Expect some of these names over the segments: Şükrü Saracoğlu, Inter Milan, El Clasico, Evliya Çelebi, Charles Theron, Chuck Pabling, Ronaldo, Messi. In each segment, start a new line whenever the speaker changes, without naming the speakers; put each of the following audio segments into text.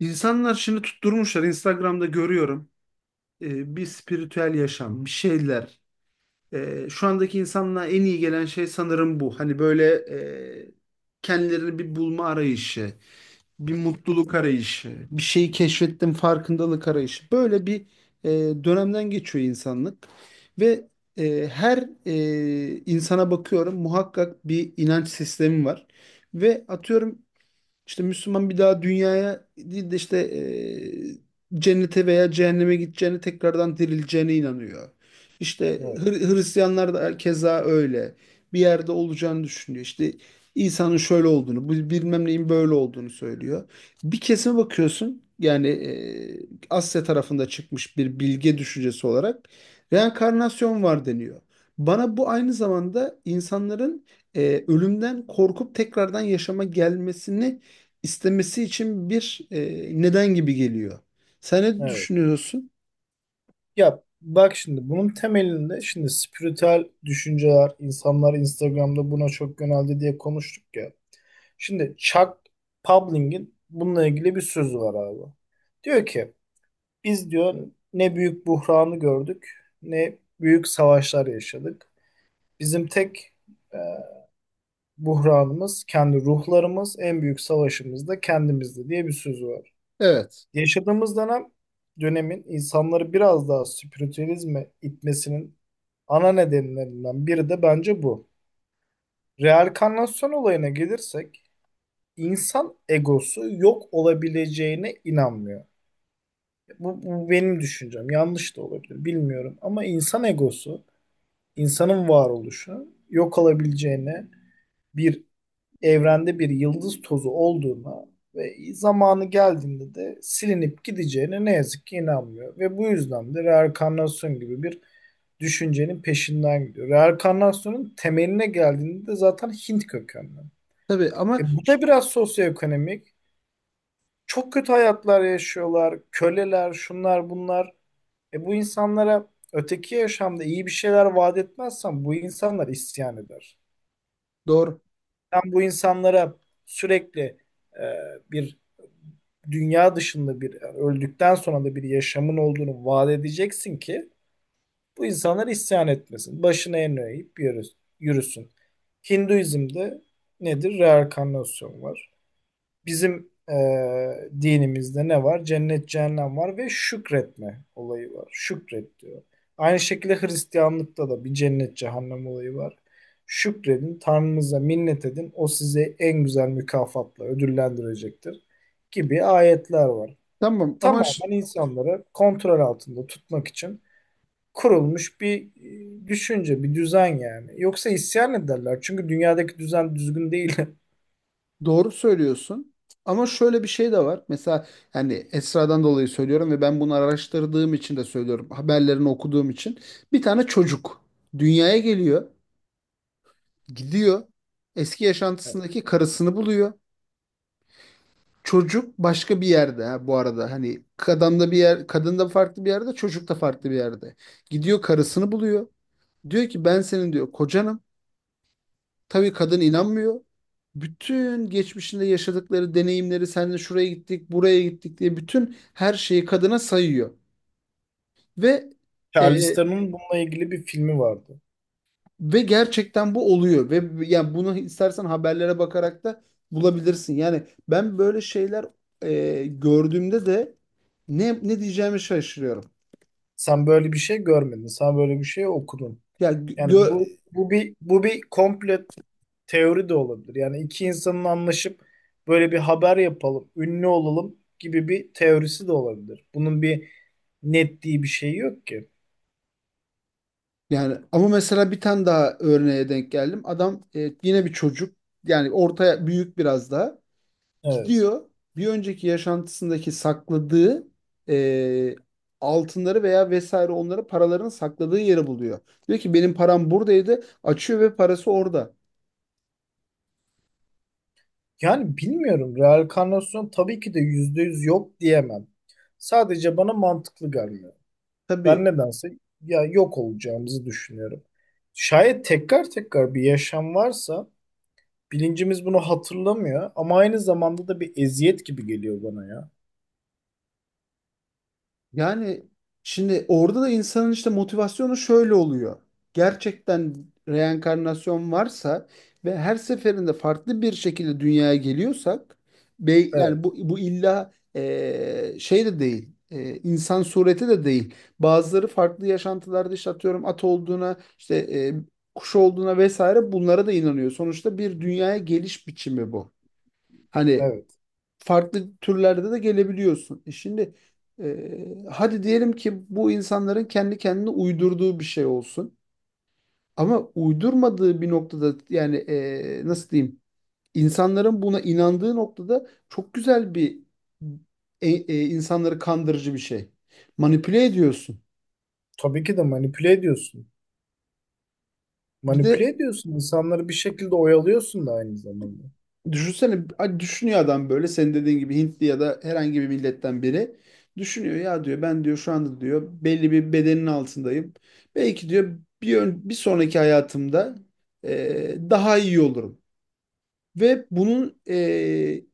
İnsanlar şimdi tutturmuşlar. Instagram'da görüyorum. Bir spiritüel yaşam, bir şeyler. Şu andaki insanlığa en iyi gelen şey sanırım bu. Hani böyle e, kendilerini bir bulma arayışı, bir mutluluk arayışı, bir şeyi keşfettim farkındalık arayışı. Böyle bir e, dönemden geçiyor insanlık. Ve her insana bakıyorum, muhakkak bir inanç sistemi var. Ve atıyorum işte Müslüman bir daha dünyaya değil de işte cennete veya cehenneme gideceğine tekrardan dirileceğine inanıyor. İşte
Evet,
Hristiyanlar da keza öyle. Bir yerde olacağını düşünüyor. İşte İsa'nın şöyle olduğunu, bu bilmem neyin böyle olduğunu söylüyor. Bir kesime bakıyorsun, yani Asya tarafında çıkmış bir bilge düşüncesi olarak reenkarnasyon var deniyor. Bana bu aynı zamanda insanların ölümden korkup tekrardan yaşama gelmesini istemesi için bir neden gibi geliyor. Sen ne
evet.
düşünüyorsun?
Ya bak şimdi bunun temelinde şimdi spiritüel düşünceler, insanlar Instagram'da buna çok yöneldi diye konuştuk ya. Şimdi Chuck Pabling'in bununla ilgili bir sözü var abi. Diyor ki biz diyor ne büyük buhranı gördük ne büyük savaşlar yaşadık. Bizim tek e, buhranımız kendi ruhlarımız, en büyük savaşımız da kendimizdi diye bir sözü var.
Evet.
Yaşadığımız dönem dönemin insanları biraz daha spiritüalizme itmesinin ana nedenlerinden biri de bence bu. Reenkarnasyon olayına gelirsek insan egosu yok olabileceğine inanmıyor. Bu benim düşüncem. Yanlış da olabilir bilmiyorum ama insan egosu, insanın varoluşu yok olabileceğine bir evrende bir yıldız tozu olduğuna ve zamanı geldiğinde de silinip gideceğine ne yazık ki inanmıyor. Ve bu yüzden de reenkarnasyon gibi bir düşüncenin peşinden gidiyor. Reenkarnasyonun temeline geldiğinde de zaten Hint kökenli.
Tabii ama
E bu
ş-
da biraz sosyoekonomik. Çok kötü hayatlar yaşıyorlar, köleler, şunlar bunlar. E bu insanlara öteki yaşamda iyi bir şeyler vaat etmezsen bu insanlar isyan eder.
doğru.
Sen bu insanlara sürekli e, bir dünya dışında bir yani öldükten sonra da bir yaşamın olduğunu vaat edeceksin ki bu insanlar isyan etmesin. Başına en eğip yürüsün. Hinduizm'de nedir? Reenkarnasyon var. Bizim dinimizde ne var? Cennet, cehennem var ve şükretme olayı var. Şükret diyor. Aynı şekilde Hristiyanlıkta da bir cennet, cehennem olayı var. Şükredin, Tanrınıza minnet edin. O sizi en güzel mükafatla ödüllendirecektir gibi ayetler var.
Tamam ama ş-
Tamamen insanları kontrol altında tutmak için kurulmuş bir düşünce, bir düzen yani. Yoksa isyan ederler. Çünkü dünyadaki düzen düzgün değil.
doğru söylüyorsun. Ama şöyle bir şey de var. Mesela yani Esra'dan dolayı söylüyorum ve ben bunu araştırdığım için de söylüyorum. Haberlerini okuduğum için. Bir tane çocuk dünyaya geliyor, gidiyor. Eski yaşantısındaki karısını buluyor. Çocuk başka bir yerde ha bu arada. Hani kadın da bir yer, kadın da farklı bir yerde, çocuk da farklı bir yerde. Gidiyor, karısını buluyor. Diyor ki ben senin diyor kocanım. Tabii kadın inanmıyor. Bütün geçmişinde yaşadıkları deneyimleri seninle şuraya gittik, buraya gittik diye bütün her şeyi kadına sayıyor. Ve
Charles
e,
Theron'un bununla ilgili bir filmi vardı.
ve gerçekten bu oluyor ve yani bunu istersen haberlere bakarak da bulabilirsin. Yani ben böyle şeyler gördüğümde de ne diyeceğimi şaşırıyorum.
Sen böyle bir şey görmedin. Sen böyle bir şey okudun.
Ya
Yani
gö
bu bir komple teori de olabilir. Yani iki insanın anlaşıp böyle bir haber yapalım, ünlü olalım gibi bir teorisi de olabilir. Bunun bir netliği bir şey yok ki.
Yani ama mesela bir tane daha örneğe denk geldim. Adam yine bir çocuk yani ortaya büyük biraz daha
Evet.
gidiyor, bir önceki yaşantısındaki sakladığı e, altınları veya vesaire onları paralarını sakladığı yeri buluyor. Diyor ki benim param buradaydı, açıyor ve parası orada.
Yani bilmiyorum. Reenkarnasyon tabii ki de %100 yok diyemem. Sadece bana mantıklı gelmiyor. Ben
Tabii.
nedense ya yok olacağımızı düşünüyorum. Şayet tekrar tekrar bir yaşam varsa bilincimiz bunu hatırlamıyor ama aynı zamanda da bir eziyet gibi geliyor bana ya.
Yani şimdi orada da insanın işte motivasyonu şöyle oluyor. Gerçekten reenkarnasyon varsa ve her seferinde farklı bir şekilde dünyaya geliyorsak, yani
Evet,
bu illa şey de değil. İnsan sureti de değil. Bazıları farklı yaşantılarda işte atıyorum at olduğuna, işte kuş olduğuna vesaire bunlara da inanıyor. Sonuçta bir dünyaya geliş biçimi bu. Hani
evet.
farklı türlerde de gelebiliyorsun. Şimdi hadi diyelim ki bu insanların kendi kendine uydurduğu bir şey olsun. Ama uydurmadığı bir noktada, yani nasıl diyeyim? İnsanların buna inandığı noktada çok güzel bir insanları kandırıcı bir şey. Manipüle ediyorsun.
Tabii ki de manipüle ediyorsun.
Bir
Manipüle
de
ediyorsun. İnsanları bir şekilde oyalıyorsun da aynı zamanda.
düşünsene, hani düşünüyor adam, böyle senin dediğin gibi Hintli ya da herhangi bir milletten biri düşünüyor ya, diyor ben diyor şu anda diyor belli bir bedenin altındayım. Belki diyor bir sonraki hayatımda daha iyi olurum ve bunun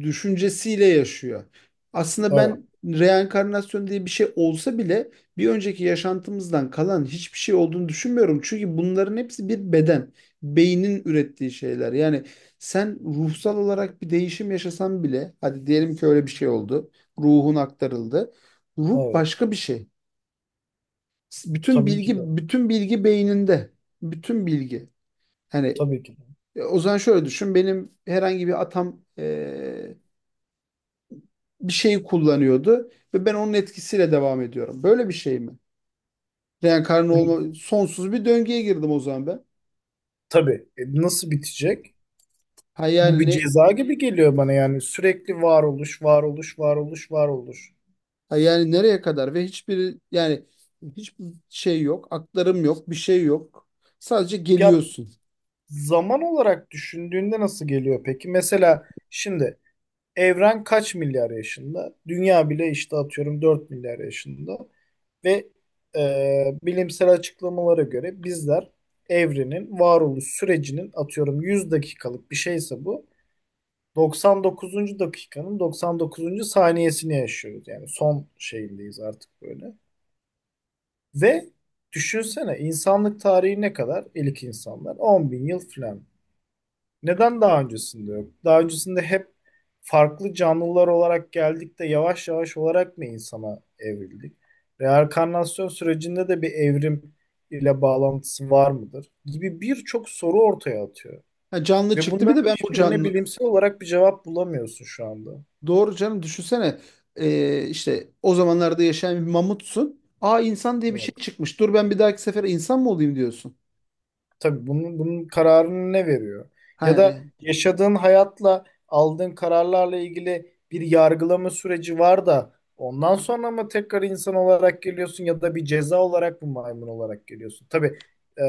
düşüncesiyle yaşıyor. Aslında
Evet,
ben reenkarnasyon diye bir şey olsa bile bir önceki yaşantımızdan kalan hiçbir şey olduğunu düşünmüyorum. Çünkü bunların hepsi bir beden, beynin ürettiği şeyler. Yani sen ruhsal olarak bir değişim yaşasan bile, hadi diyelim ki öyle bir şey oldu, ruhun aktarıldı. Ruh
evet.
başka bir şey. Bütün
Tabii ki de.
bilgi, bütün bilgi beyninde. Bütün bilgi. Yani
Tabii ki de.
O zaman şöyle düşün. Benim herhangi bir atam bir şeyi kullanıyordu ve ben onun etkisiyle devam ediyorum. Böyle bir şey mi? Reenkarnı
Bunu,
olma, sonsuz bir döngüye girdim o zaman ben.
tabii. E, nasıl bitecek?
Ha
Bu
yani
bir
ne
ceza gibi geliyor bana yani sürekli varoluş, varoluş, varoluş, varoluş.
ha yani nereye kadar, ve hiçbir şey yok, aktarım yok, bir şey yok. Sadece
Ya
geliyorsun.
zaman olarak düşündüğünde nasıl geliyor peki? Mesela şimdi evren kaç milyar yaşında? Dünya bile işte atıyorum 4 milyar yaşında. Ve bilimsel açıklamalara göre bizler evrenin varoluş sürecinin atıyorum 100 dakikalık bir şeyse bu 99. dakikanın 99. saniyesini yaşıyoruz. Yani son şeyindeyiz artık böyle. Ve düşünsene insanlık tarihi ne kadar? İlk insanlar 10 bin yıl falan. Neden daha öncesinde yok? Daha öncesinde hep farklı canlılar olarak geldik de yavaş yavaş olarak mı insana evrildik? Reenkarnasyon sürecinde de bir evrim ile bağlantısı var mıdır? Gibi birçok soru ortaya atıyor.
Ha, canlı
Ve
çıktı bir de
bunların
ben bu
hiçbirine
canlı
bilimsel olarak bir cevap bulamıyorsun şu anda.
Doğru canım, düşünsene. E, işte o zamanlarda yaşayan bir mamutsun. Aa, insan diye bir şey
Evet.
çıkmış. Dur ben bir dahaki sefere insan mı olayım diyorsun.
Tabii bunun kararını ne veriyor? Ya
Ha.
da yaşadığın hayatla aldığın kararlarla ilgili bir yargılama süreci var da ondan sonra mı tekrar insan olarak geliyorsun ya da bir ceza olarak mı maymun olarak geliyorsun? Tabii e,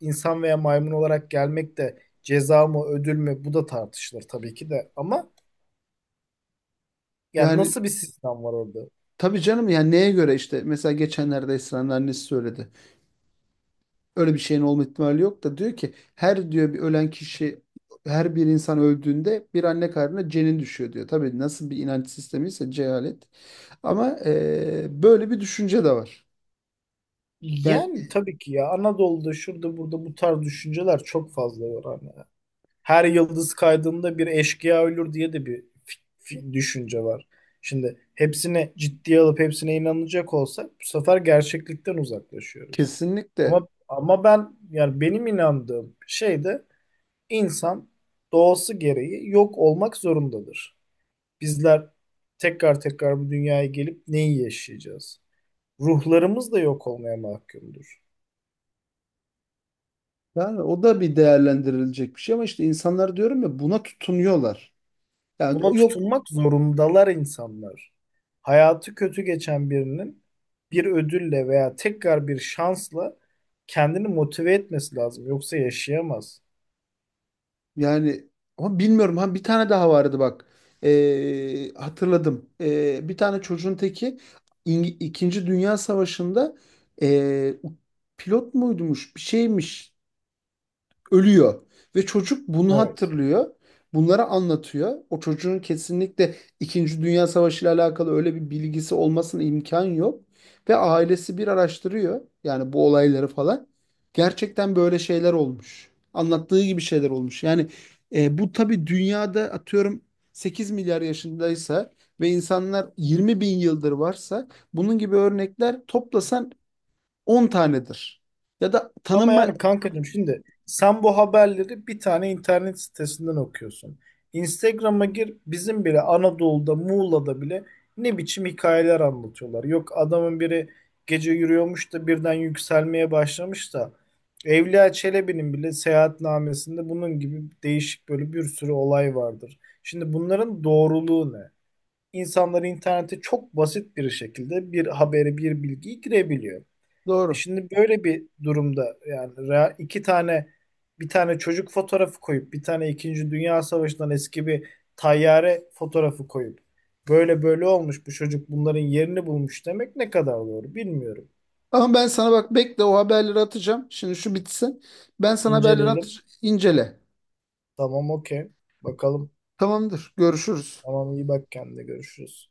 insan veya maymun olarak gelmek de ceza mı ödül mü bu da tartışılır tabii ki de ama yani
Yani
nasıl bir sistem var orada?
tabii canım, yani neye göre işte mesela geçenlerde Esra'nın annesi söyledi. Öyle bir şeyin olma ihtimali yok da diyor ki her diyor bir ölen kişi, her bir insan öldüğünde bir anne karnına cenin düşüyor diyor. Tabii nasıl bir inanç sistemiyse, cehalet. Ama böyle bir düşünce de var. Yani,
Yani tabii ki ya Anadolu'da şurada burada bu tarz düşünceler çok fazla var. Hani. Her yıldız kaydığında bir eşkıya ölür diye de bir düşünce var. Şimdi hepsini ciddiye alıp hepsine inanacak olsak bu sefer gerçeklikten uzaklaşıyoruz.
kesinlikle.
Ama ben yani benim inandığım şey de insan doğası gereği yok olmak zorundadır. Bizler tekrar tekrar bu dünyaya gelip neyi yaşayacağız? Ruhlarımız da yok olmaya mahkumdur.
Yani o da bir değerlendirilecek bir şey, ama işte insanlar diyorum ya buna tutunuyorlar. Yani o
Buna
yok
tutunmak zorundalar insanlar. Hayatı kötü geçen birinin bir ödülle veya tekrar bir şansla kendini motive etmesi lazım. Yoksa yaşayamaz.
Yani ama bilmiyorum. Ha, bir tane daha vardı bak. Hatırladım. Bir tane çocuğun teki İkinci Dünya Savaşı'nda ee, pilot muydumuş? Bir şeymiş, ölüyor. Ve çocuk bunu
Evet.
hatırlıyor. Bunları anlatıyor. O çocuğun kesinlikle İkinci Dünya Savaşı ile alakalı öyle bir bilgisi olmasına imkan yok. Ve ailesi bir araştırıyor, yani bu olayları falan. Gerçekten böyle şeyler olmuş. Anlattığı gibi şeyler olmuş. Yani bu tabii dünyada atıyorum 8 milyar yaşındaysa ve insanlar 20 bin yıldır varsa, bunun gibi örnekler toplasan 10 tanedir. Ya da
Ama
tanınma
yani kankacığım şimdi sen bu haberleri bir tane internet sitesinden okuyorsun. Instagram'a gir bizim bile Anadolu'da Muğla'da bile ne biçim hikayeler anlatıyorlar. Yok adamın biri gece yürüyormuş da birden yükselmeye başlamış da Evliya Çelebi'nin bile seyahatnamesinde bunun gibi değişik böyle bir sürü olay vardır. Şimdi bunların doğruluğu ne? İnsanlar internete çok basit bir şekilde bir haberi, bir bilgiyi girebiliyor. E
Doğru.
şimdi böyle bir durumda yani iki tane bir tane çocuk fotoğrafı koyup bir tane İkinci Dünya Savaşı'ndan eski bir tayyare fotoğrafı koyup böyle böyle olmuş bu çocuk bunların yerini bulmuş demek ne kadar doğru bilmiyorum.
Ama ben sana bak bekle, o haberleri atacağım. Şimdi şu bitsin. Ben sana haberleri
İnceleyelim.
atacağım. İncele.
Tamam okey. Bakalım.
Tamamdır. Görüşürüz.
Tamam iyi bak kendine görüşürüz.